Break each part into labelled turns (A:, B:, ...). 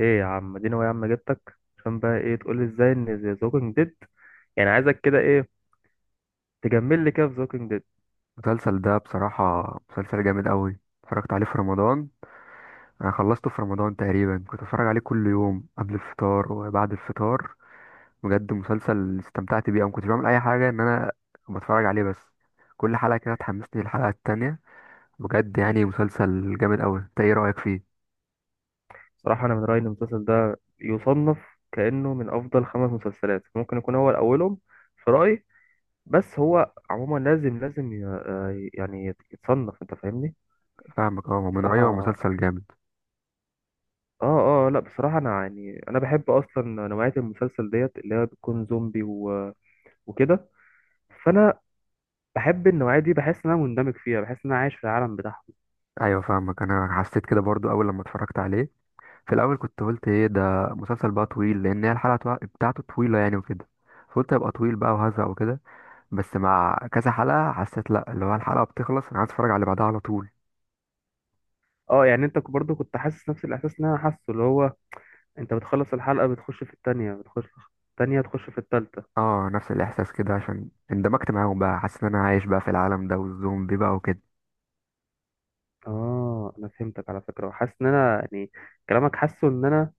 A: ايه يا عم، اديني هو يا عم، جبتك عشان بقى ايه؟ تقول لي ازاي ان ذا ووكينج ديد؟ يعني عايزك كده ايه؟ تجمل لي كده في ذا ووكينج ديد.
B: المسلسل ده بصراحة مسلسل جامد قوي. اتفرجت عليه في رمضان، انا خلصته في رمضان تقريبا، كنت اتفرج عليه كل يوم قبل الفطار وبعد الفطار. بجد مسلسل استمتعت بيه، انا ما كنتش بعمل اي حاجة ان انا بتفرج عليه بس. كل حلقة كده تحمسني للحلقة التانية. بجد يعني مسلسل جامد قوي، انت ايه رأيك فيه؟
A: صراحه انا من رايي ان المسلسل ده يصنف كانه من افضل خمس مسلسلات، ممكن يكون هو اولهم في رايي. بس هو عموما لازم لازم يتصنف، انت فاهمني؟
B: فاهمك، اه، من رأيي هو
A: بصراحه.
B: مسلسل جامد.
A: اه، اه، لا بصراحه انا يعني بحب اصلا نوعيه المسلسل ديت، اللي هي بتكون زومبي وكده. فانا بحب النوعيه دي، بحس ان انا مندمج فيها، بحس ان انا عايش في العالم بتاعها.
B: ايوه فاهمك، انا حسيت كده برضو اول لما اتفرجت عليه. في الاول كنت قلت ايه ده، مسلسل بقى طويل، لان هي الحلقة بتاعته طويلة يعني وكده. فقلت هيبقى طويل بقى وهزق وكده. بس مع كذا حلقة حسيت لأ، اللي هو الحلقة بتخلص أنا عايز أتفرج على اللي بعدها على طول.
A: اه يعني انت برضو كنت حاسس نفس الاحساس اللي انا حاسه، اللي هو انت بتخلص الحلقه، بتخش في التانية، بتخش في التانية، تخش في التالتة.
B: اه، نفس الإحساس كده، عشان اندمجت معاهم بقى، حاسس إن أنا عايش بقى في العالم ده والزومبي بقى وكده.
A: اه انا فهمتك على فكره، وحاسس ان انا يعني كلامك، حاسه ان انا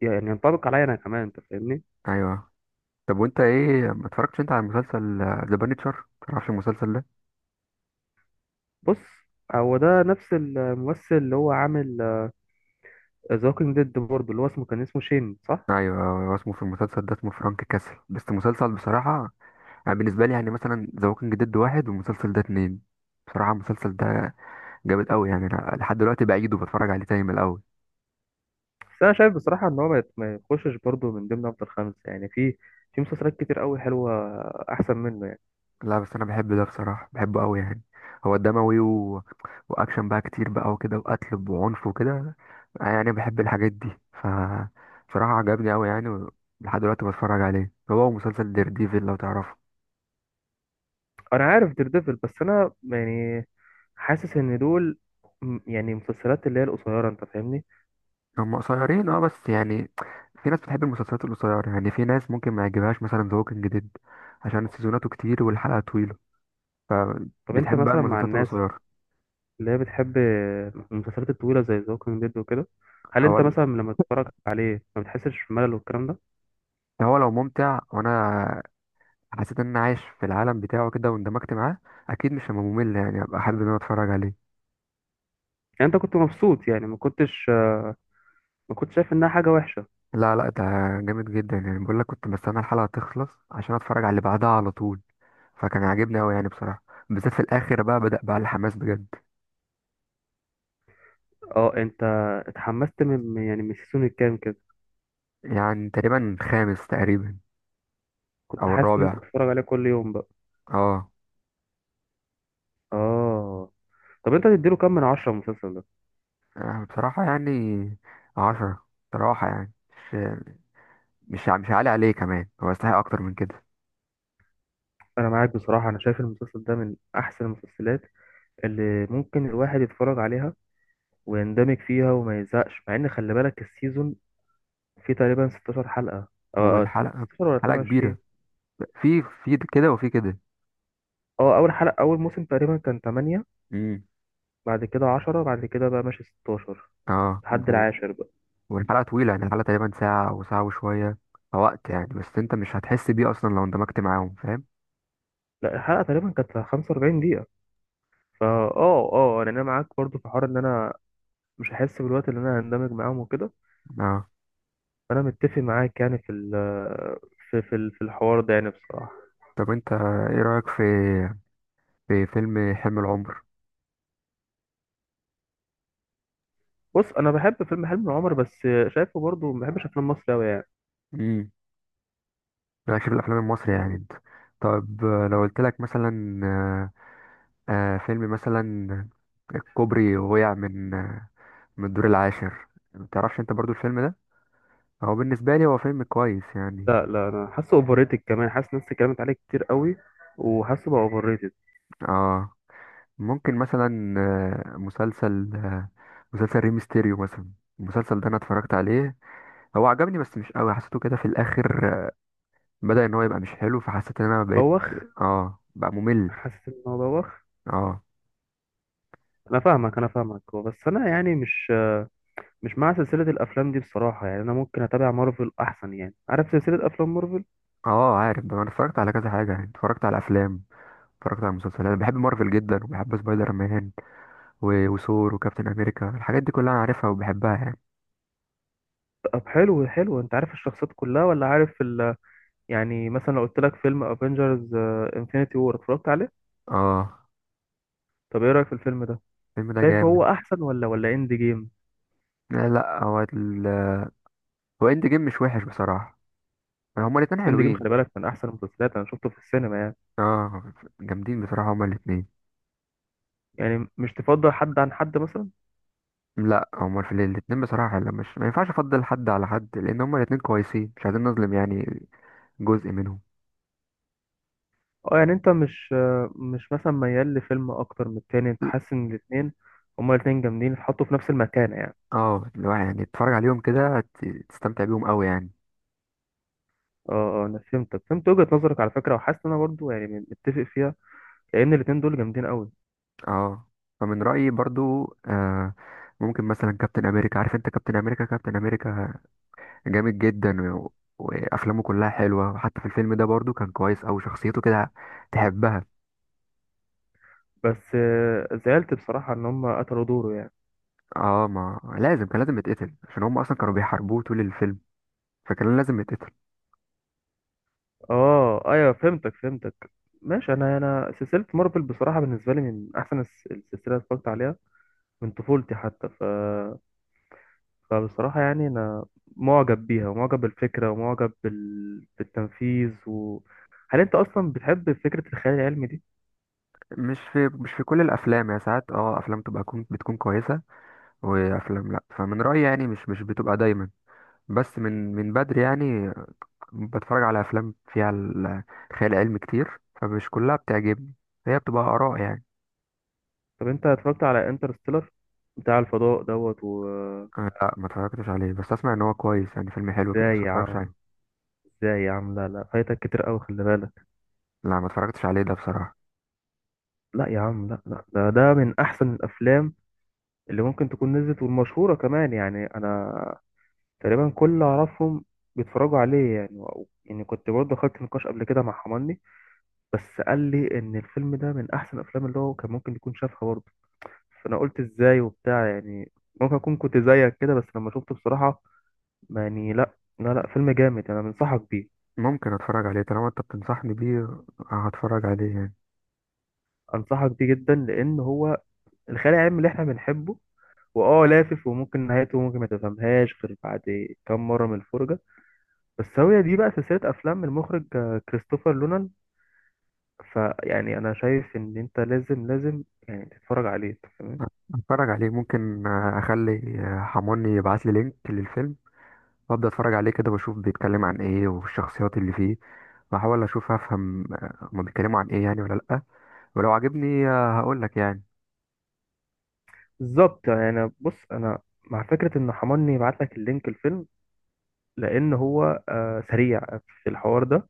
A: يعني ينطبق عليا انا كمان، انت فاهمني؟
B: أيوه. طب وأنت إيه، ما اتفرجتش أنت على مسلسل ذا بانيتشر؟ متعرفش المسلسل ده؟
A: بص هو ده نفس الممثل اللي هو عامل ذا ووكينج ديد برضه، اللي هو اسمه شين صح؟
B: أيوه. هو اسمه في المسلسل ده اسمه فرانك كاسل، بس مسلسل بصراحة يعني بالنسبة لي يعني مثلا ذا ووكينج ديد واحد والمسلسل ده اتنين. بصراحة المسلسل ده جامد أوي يعني، أنا لحد دلوقتي بعيده وبتفرج عليه تاني من الأول.
A: بس انا شايف بصراحه ان هو ما يخشش برضه من ضمن افضل خمسه، يعني في مسلسلات كتير قوي حلوه، احسن منه يعني.
B: لا بس انا بحب ده بصراحه، بحبه قوي يعني. هو دموي و... واكشن بقى كتير بقى وكده، وقتل وعنف وكده. يعني بحب الحاجات دي. ف بصراحه عجبني قوي يعني لحد دلوقتي بتفرج عليه. هو مسلسل دير ديفل لو تعرفه.
A: انا عارف دير ديفل، بس انا يعني حاسس ان دول يعني مسلسلات اللي هي القصيره، انت فاهمني؟
B: هم قصيرين اه، بس يعني في ناس بتحب المسلسلات القصيره، يعني في ناس ممكن ما يعجبهاش مثلا ذا ووكينج ديد عشان سيزوناته كتير والحلقه طويله،
A: طب انت
B: فبتحب بقى
A: مثلا مع
B: المسلسلات
A: الناس
B: القصيره.
A: اللي هي بتحب المسلسلات الطويله زي ذا ووكينج ديد وكده، هل انت
B: اول
A: مثلا لما تتفرج عليه ما بتحسش بملل والكلام ده؟
B: هو لو ممتع وانا حسيت ان انا عايش في العالم بتاعه كده واندمجت معاه، اكيد مش هبقى ممل يعني، ابقى حابب ان انا اتفرج عليه.
A: يعني انت كنت مبسوط، يعني ما كنتش شايف انها حاجه وحشه؟
B: لا لا، ده جامد جدا يعني، بقول لك كنت بستنى الحلقه تخلص عشان اتفرج على اللي بعدها على طول. فكان عاجبني قوي يعني بصراحه، بالذات في الاخر بقى بدأ بقى الحماس بجد.
A: اه انت اتحمست يعني من السيزون الكام كده؟
B: يعني تقريبا خامس تقريبا او
A: كنت حاسس ان
B: الرابع.
A: انت بتتفرج عليه كل يوم بقى.
B: اه.
A: اه. طب انت تديله كام من عشرة المسلسل ده؟
B: بصراحه يعني 10، بصراحه يعني مش مش عالي عليه كمان، هو يستحق اكتر من كده.
A: انا معاك بصراحه، انا شايف المسلسل ده من احسن المسلسلات اللي ممكن الواحد يتفرج عليها ويندمج فيها وما يزهقش. مع ان خلي بالك السيزون فيه تقريبا 16 حلقة، او
B: والحلقه
A: 16 ولا
B: حلقه كبيره،
A: 22.
B: في كده وفي كده.
A: اه اول حلقة اول موسم تقريبا كان 8،
B: امم.
A: بعد كده 10، بعد كده بقى ماشي 16
B: اه،
A: لحد العاشر بقى.
B: والحلقة طويلة يعني، الحلقة تقريبا ساعة أو ساعة وشوية، فوقت يعني، بس أنت مش هتحس بيه أصلا لو اندمجت معاهم، فاهم؟
A: لا الحلقة تقريبا كانت 45 دقيقة. فا اه اه يعني انا معاك برضو في حوار ان انا مش هحس بالوقت اللي انا هندمج معاهم وكده.
B: اه.
A: فانا متفق معاك يعني في الحوار ده يعني بصراحة.
B: طب أنت إيه رأيك في فيلم حلم العمر؟
A: بص انا بحب فيلم حلم العمر، بس شايفه برضو ما بحبش افلام مصر قوي يعني.
B: امم. رأيك في الأفلام المصري يعني أنت، طب، لو قلت لك مثلا فيلم مثلا الكوبري وقع من من الدور العاشر، متعرفش أنت برضو الفيلم ده؟ هو بالنسبة لي هو فيلم كويس يعني.
A: لا، لا، انا حاسه اوفر ريتد، كمان حاسس ناس اتكلمت عليه كتير قوي، وحاسه بقى اوفر ريتد.
B: اه. ممكن مثلا مسلسل مسلسل ريمستيريو مثلا. المسلسل ده انا اتفرجت عليه، هو عجبني بس مش قوي، حسيته كده في الاخر بدأ ان هو يبقى مش حلو، فحسيت ان انا بقيت.
A: بوخ.
B: اه بقى ممل.
A: حاسس ان هو بوخ.
B: اه
A: انا فاهمك انا فاهمك، هو بس انا يعني مش مع سلسله الافلام دي بصراحه، يعني انا ممكن اتابع مارفل احسن، يعني عارف سلسله افلام مارفل؟
B: اه، عارف ده، انا اتفرجت على كذا حاجة يعني، اتفرجت على افلام، اتفرجت على مسلسلات. بحب مارفل جدا وبحب سبايدر مان وثور وكابتن امريكا، الحاجات دي كلها انا عارفها وبحبها يعني.
A: طب حلو حلو، انت عارف الشخصيات كلها ولا عارف ال...؟ يعني مثلا لو قلت لك فيلم افنجرز انفينيتي وور، اتفرجت عليه؟
B: اه،
A: طب ايه رايك في الفيلم ده؟
B: الفيلم ده
A: شايفه هو
B: جامد.
A: احسن ولا اند جيم؟
B: لا لا، هو ال... هو اند جيم مش وحش بصراحة، هما الاتنين
A: اند جيم خلي
B: حلوين.
A: بالك من احسن المسلسلات، انا شفته في السينما يعني.
B: اه، جامدين بصراحة هما الاتنين.
A: يعني مش تفضل حد عن حد مثلا؟
B: لا، هما في الاتنين بصراحة حلو، مش، ما ينفعش افضل حد على حد، لان هما الاتنين كويسين، مش عايزين نظلم يعني جزء منهم.
A: اه يعني انت مش مثلا ميال لفيلم اكتر من التاني، انت حاسس ان هما الاتنين جامدين، اتحطوا في نفس المكانة يعني.
B: اه، اللي هو يعني تتفرج عليهم كده تستمتع بيهم قوي يعني.
A: اه، اه، انا فهمتك، فهمت وجهة نظرك على فكرة، وحاسس ان انا برضو يعني متفق فيها، لان الاتنين دول جامدين قوي.
B: اه. فمن رأيي برضو، آه، ممكن مثلا كابتن امريكا، عارف انت كابتن امريكا؟ كابتن امريكا جامد جدا و... وافلامه كلها حلوة، وحتى في الفيلم ده برضو كان كويس اوي شخصيته كده، تحبها.
A: بس زعلت بصراحة ان هما قتلوا دوره يعني.
B: اه، ما لازم، كان لازم يتقتل عشان هم اصلا كانوا بيحاربوه طول الفيلم، فكان لازم يتقتل.
A: اه ايوه، فهمتك فهمتك. ماشي. انا سلسلة مارفل بصراحة بالنسبة لي من احسن السلسلة اللي اتفرجت عليها من طفولتي حتى. فبصراحة يعني أنا معجب بيها، ومعجب بالفكرة، ومعجب بالتنفيذ. هل أنت أصلا بتحب فكرة الخيال العلمي دي؟
B: مش في كل الافلام، يا ساعات اه افلام تبقى، بتكون كويسه وافلام لا، فمن رايي يعني مش بتبقى دايما، بس من بدري يعني بتفرج على افلام فيها خيال علمي كتير، فمش كلها بتعجبني، هي بتبقى اراء يعني.
A: طب أنت اتفرجت على انترستيلر بتاع الفضاء دوت.
B: أنا لا، ما اتفرجتش عليه، بس اسمع ان هو كويس يعني، فيلم حلو كده بس
A: إزاي
B: ما
A: يا
B: اتفرجتش
A: عم،
B: عليه.
A: إزاي يا عم، لا لا، فايتك كتير أوي خلي بالك.
B: لا ما اتفرجتش عليه ده بصراحه.
A: لا يا عم، لا لا، ده من أحسن الأفلام اللي ممكن تكون نزلت، والمشهورة كمان، يعني أنا تقريبا كل اللي أعرفهم بيتفرجوا عليه يعني. يعني كنت برضه خدت نقاش قبل كده مع حماني، بس قال لي ان الفيلم ده من احسن الافلام اللي هو كان ممكن يكون شافها برضه. فانا قلت ازاي وبتاع يعني، ممكن اكون كنت زيك كده، بس لما شفته بصراحه ما يعني، لا لا لا، فيلم جامد، انا بنصحك بيه.
B: ممكن اتفرج عليه طالما انت بتنصحني بيه. هتفرج عليه يعني.
A: انصحك بيه جدا، لان هو الخيال العلمي اللي احنا بنحبه، واه لافف، وممكن نهايته ممكن ما تفهمهاش غير بعد كام مره من الفرجه. بس هو دي بقى سلسله افلام المخرج كريستوفر لونان. فيعني انا شايف ان انت لازم لازم يعني تتفرج عليه.
B: هتفرج عليه، ممكن اخلي حموني يبعت لي لينك للفيلم وابدا اتفرج عليه كده، واشوف بيتكلم عن ايه والشخصيات اللي فيه، واحاول اشوف افهم هما بيتكلموا عن ايه يعني ولا لا، ولو عجبني هقول لك يعني.
A: بالظبط يعني. بص انا مع فكره ان حماني يبعت لك اللينك الفيلم، لان هو سريع في الحوار ده،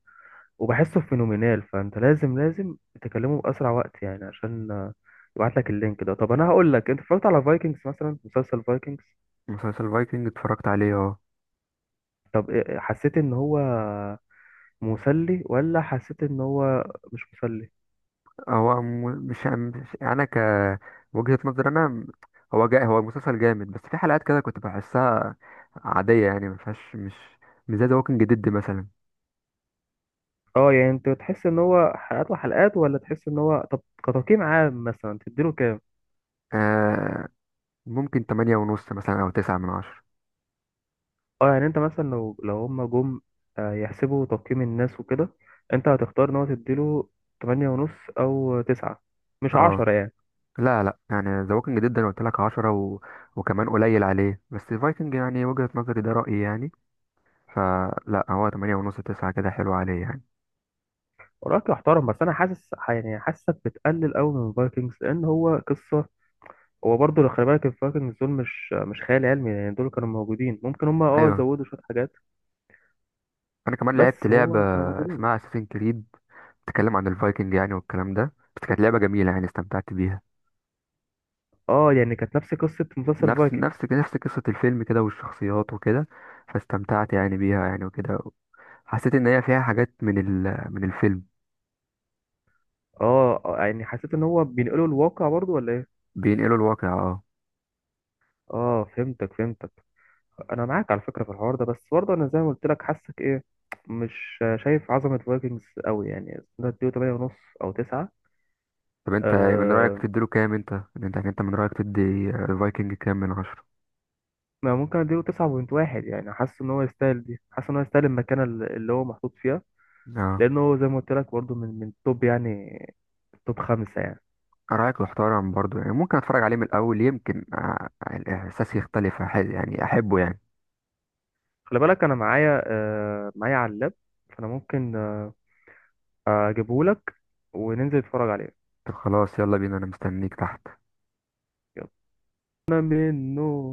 A: وبحسه فينومينال، فانت لازم لازم تكلمه باسرع وقت يعني، عشان يبعت لك اللينك ده. طب انا هقول لك، انت اتفرجت على فايكنجز مثلا، مسلسل فايكنجز؟
B: مسلسل فايكنج اتفرجت عليه اه.
A: طب حسيت ان هو مسلي ولا حسيت ان هو مش مسلي؟
B: هو م- مش مش- انا ك وجهة نظر انا، هو هو مسلسل جامد، بس في حلقات كده كنت بحسها عادية يعني، ما فيهاش، مش زي ذا ووكينج ديد مثلا.
A: اه يعني انت تحس ان هو حلقات وحلقات، ولا تحس ان هو، طب كتقييم عام مثلا تديله كام؟
B: آه ممكن 8.5 مثلا او 9 من 10.
A: اه يعني انت مثلا لو هما جم يحسبوا تقييم الناس وكده، انت هتختار ان هو تديله تمانية ونص او تسعة، مش
B: اه،
A: عشرة يعني؟
B: لا لا، يعني ذا ووكينج ديد انا قلت لك 10 و... وكمان قليل عليه، بس فايكنج يعني وجهة نظري ده رأيي يعني، فلا، هو 8 ونص، 9 كده حلو عليه يعني.
A: ورأيك يحترم، بس انا حاسس يعني حاسسك بتقلل قوي من فايكنجز، لان هو قصة، هو برضه لو خلي بالك الفايكنجز دول مش خيال علمي يعني، دول كانوا موجودين، ممكن هما
B: ايوه،
A: زودوا شوية حاجات،
B: انا كمان لعبت
A: بس
B: لعبة
A: هو كانوا موجودين.
B: اسمها اساسين كريد، بتتكلم عن الفايكنج يعني والكلام ده، بس كانت لعبة جميلة يعني استمتعت بيها.
A: اه يعني كانت نفس قصة مسلسل
B: نفس
A: فايكنج.
B: نفس نفس قصة الفيلم كده والشخصيات وكده، فاستمتعت يعني بيها يعني وكده، حسيت ان هي فيها حاجات من الفيلم.
A: اه، يعني حسيت ان هو بينقلوا الواقع برضه ولا ايه؟
B: بينقلوا الواقع اه.
A: اه فهمتك فهمتك. انا معاك على فكره في الحوار ده، بس برضه انا زي ما قلت لك حاسك ايه، مش شايف عظمه فايكنجز قوي يعني، ده اديله 8 ونص او 9.
B: طب انت من رأيك
A: أه
B: تديله كام انت؟ انت من رأيك الفايكنج كام من 10؟
A: ما ممكن اديله 9.1 يعني، حاسس ان هو يستاهل دي، حاسس ان هو يستاهل المكانه اللي هو محطوط فيها،
B: اه،
A: لانه هو زي ما قلت لك برضه من توب يعني، توب خمسه يعني.
B: رأيك محترم برضو يعني، ممكن اتفرج عليه من الاول يمكن الاحساس يختلف، يعني احبه يعني.
A: خلي بالك انا معايا أه معايا على اللاب، فانا ممكن اجيبه لك وننزل نتفرج عليه.
B: طب خلاص يلا بينا، انا مستنيك تحت.
A: يلا. انا منه.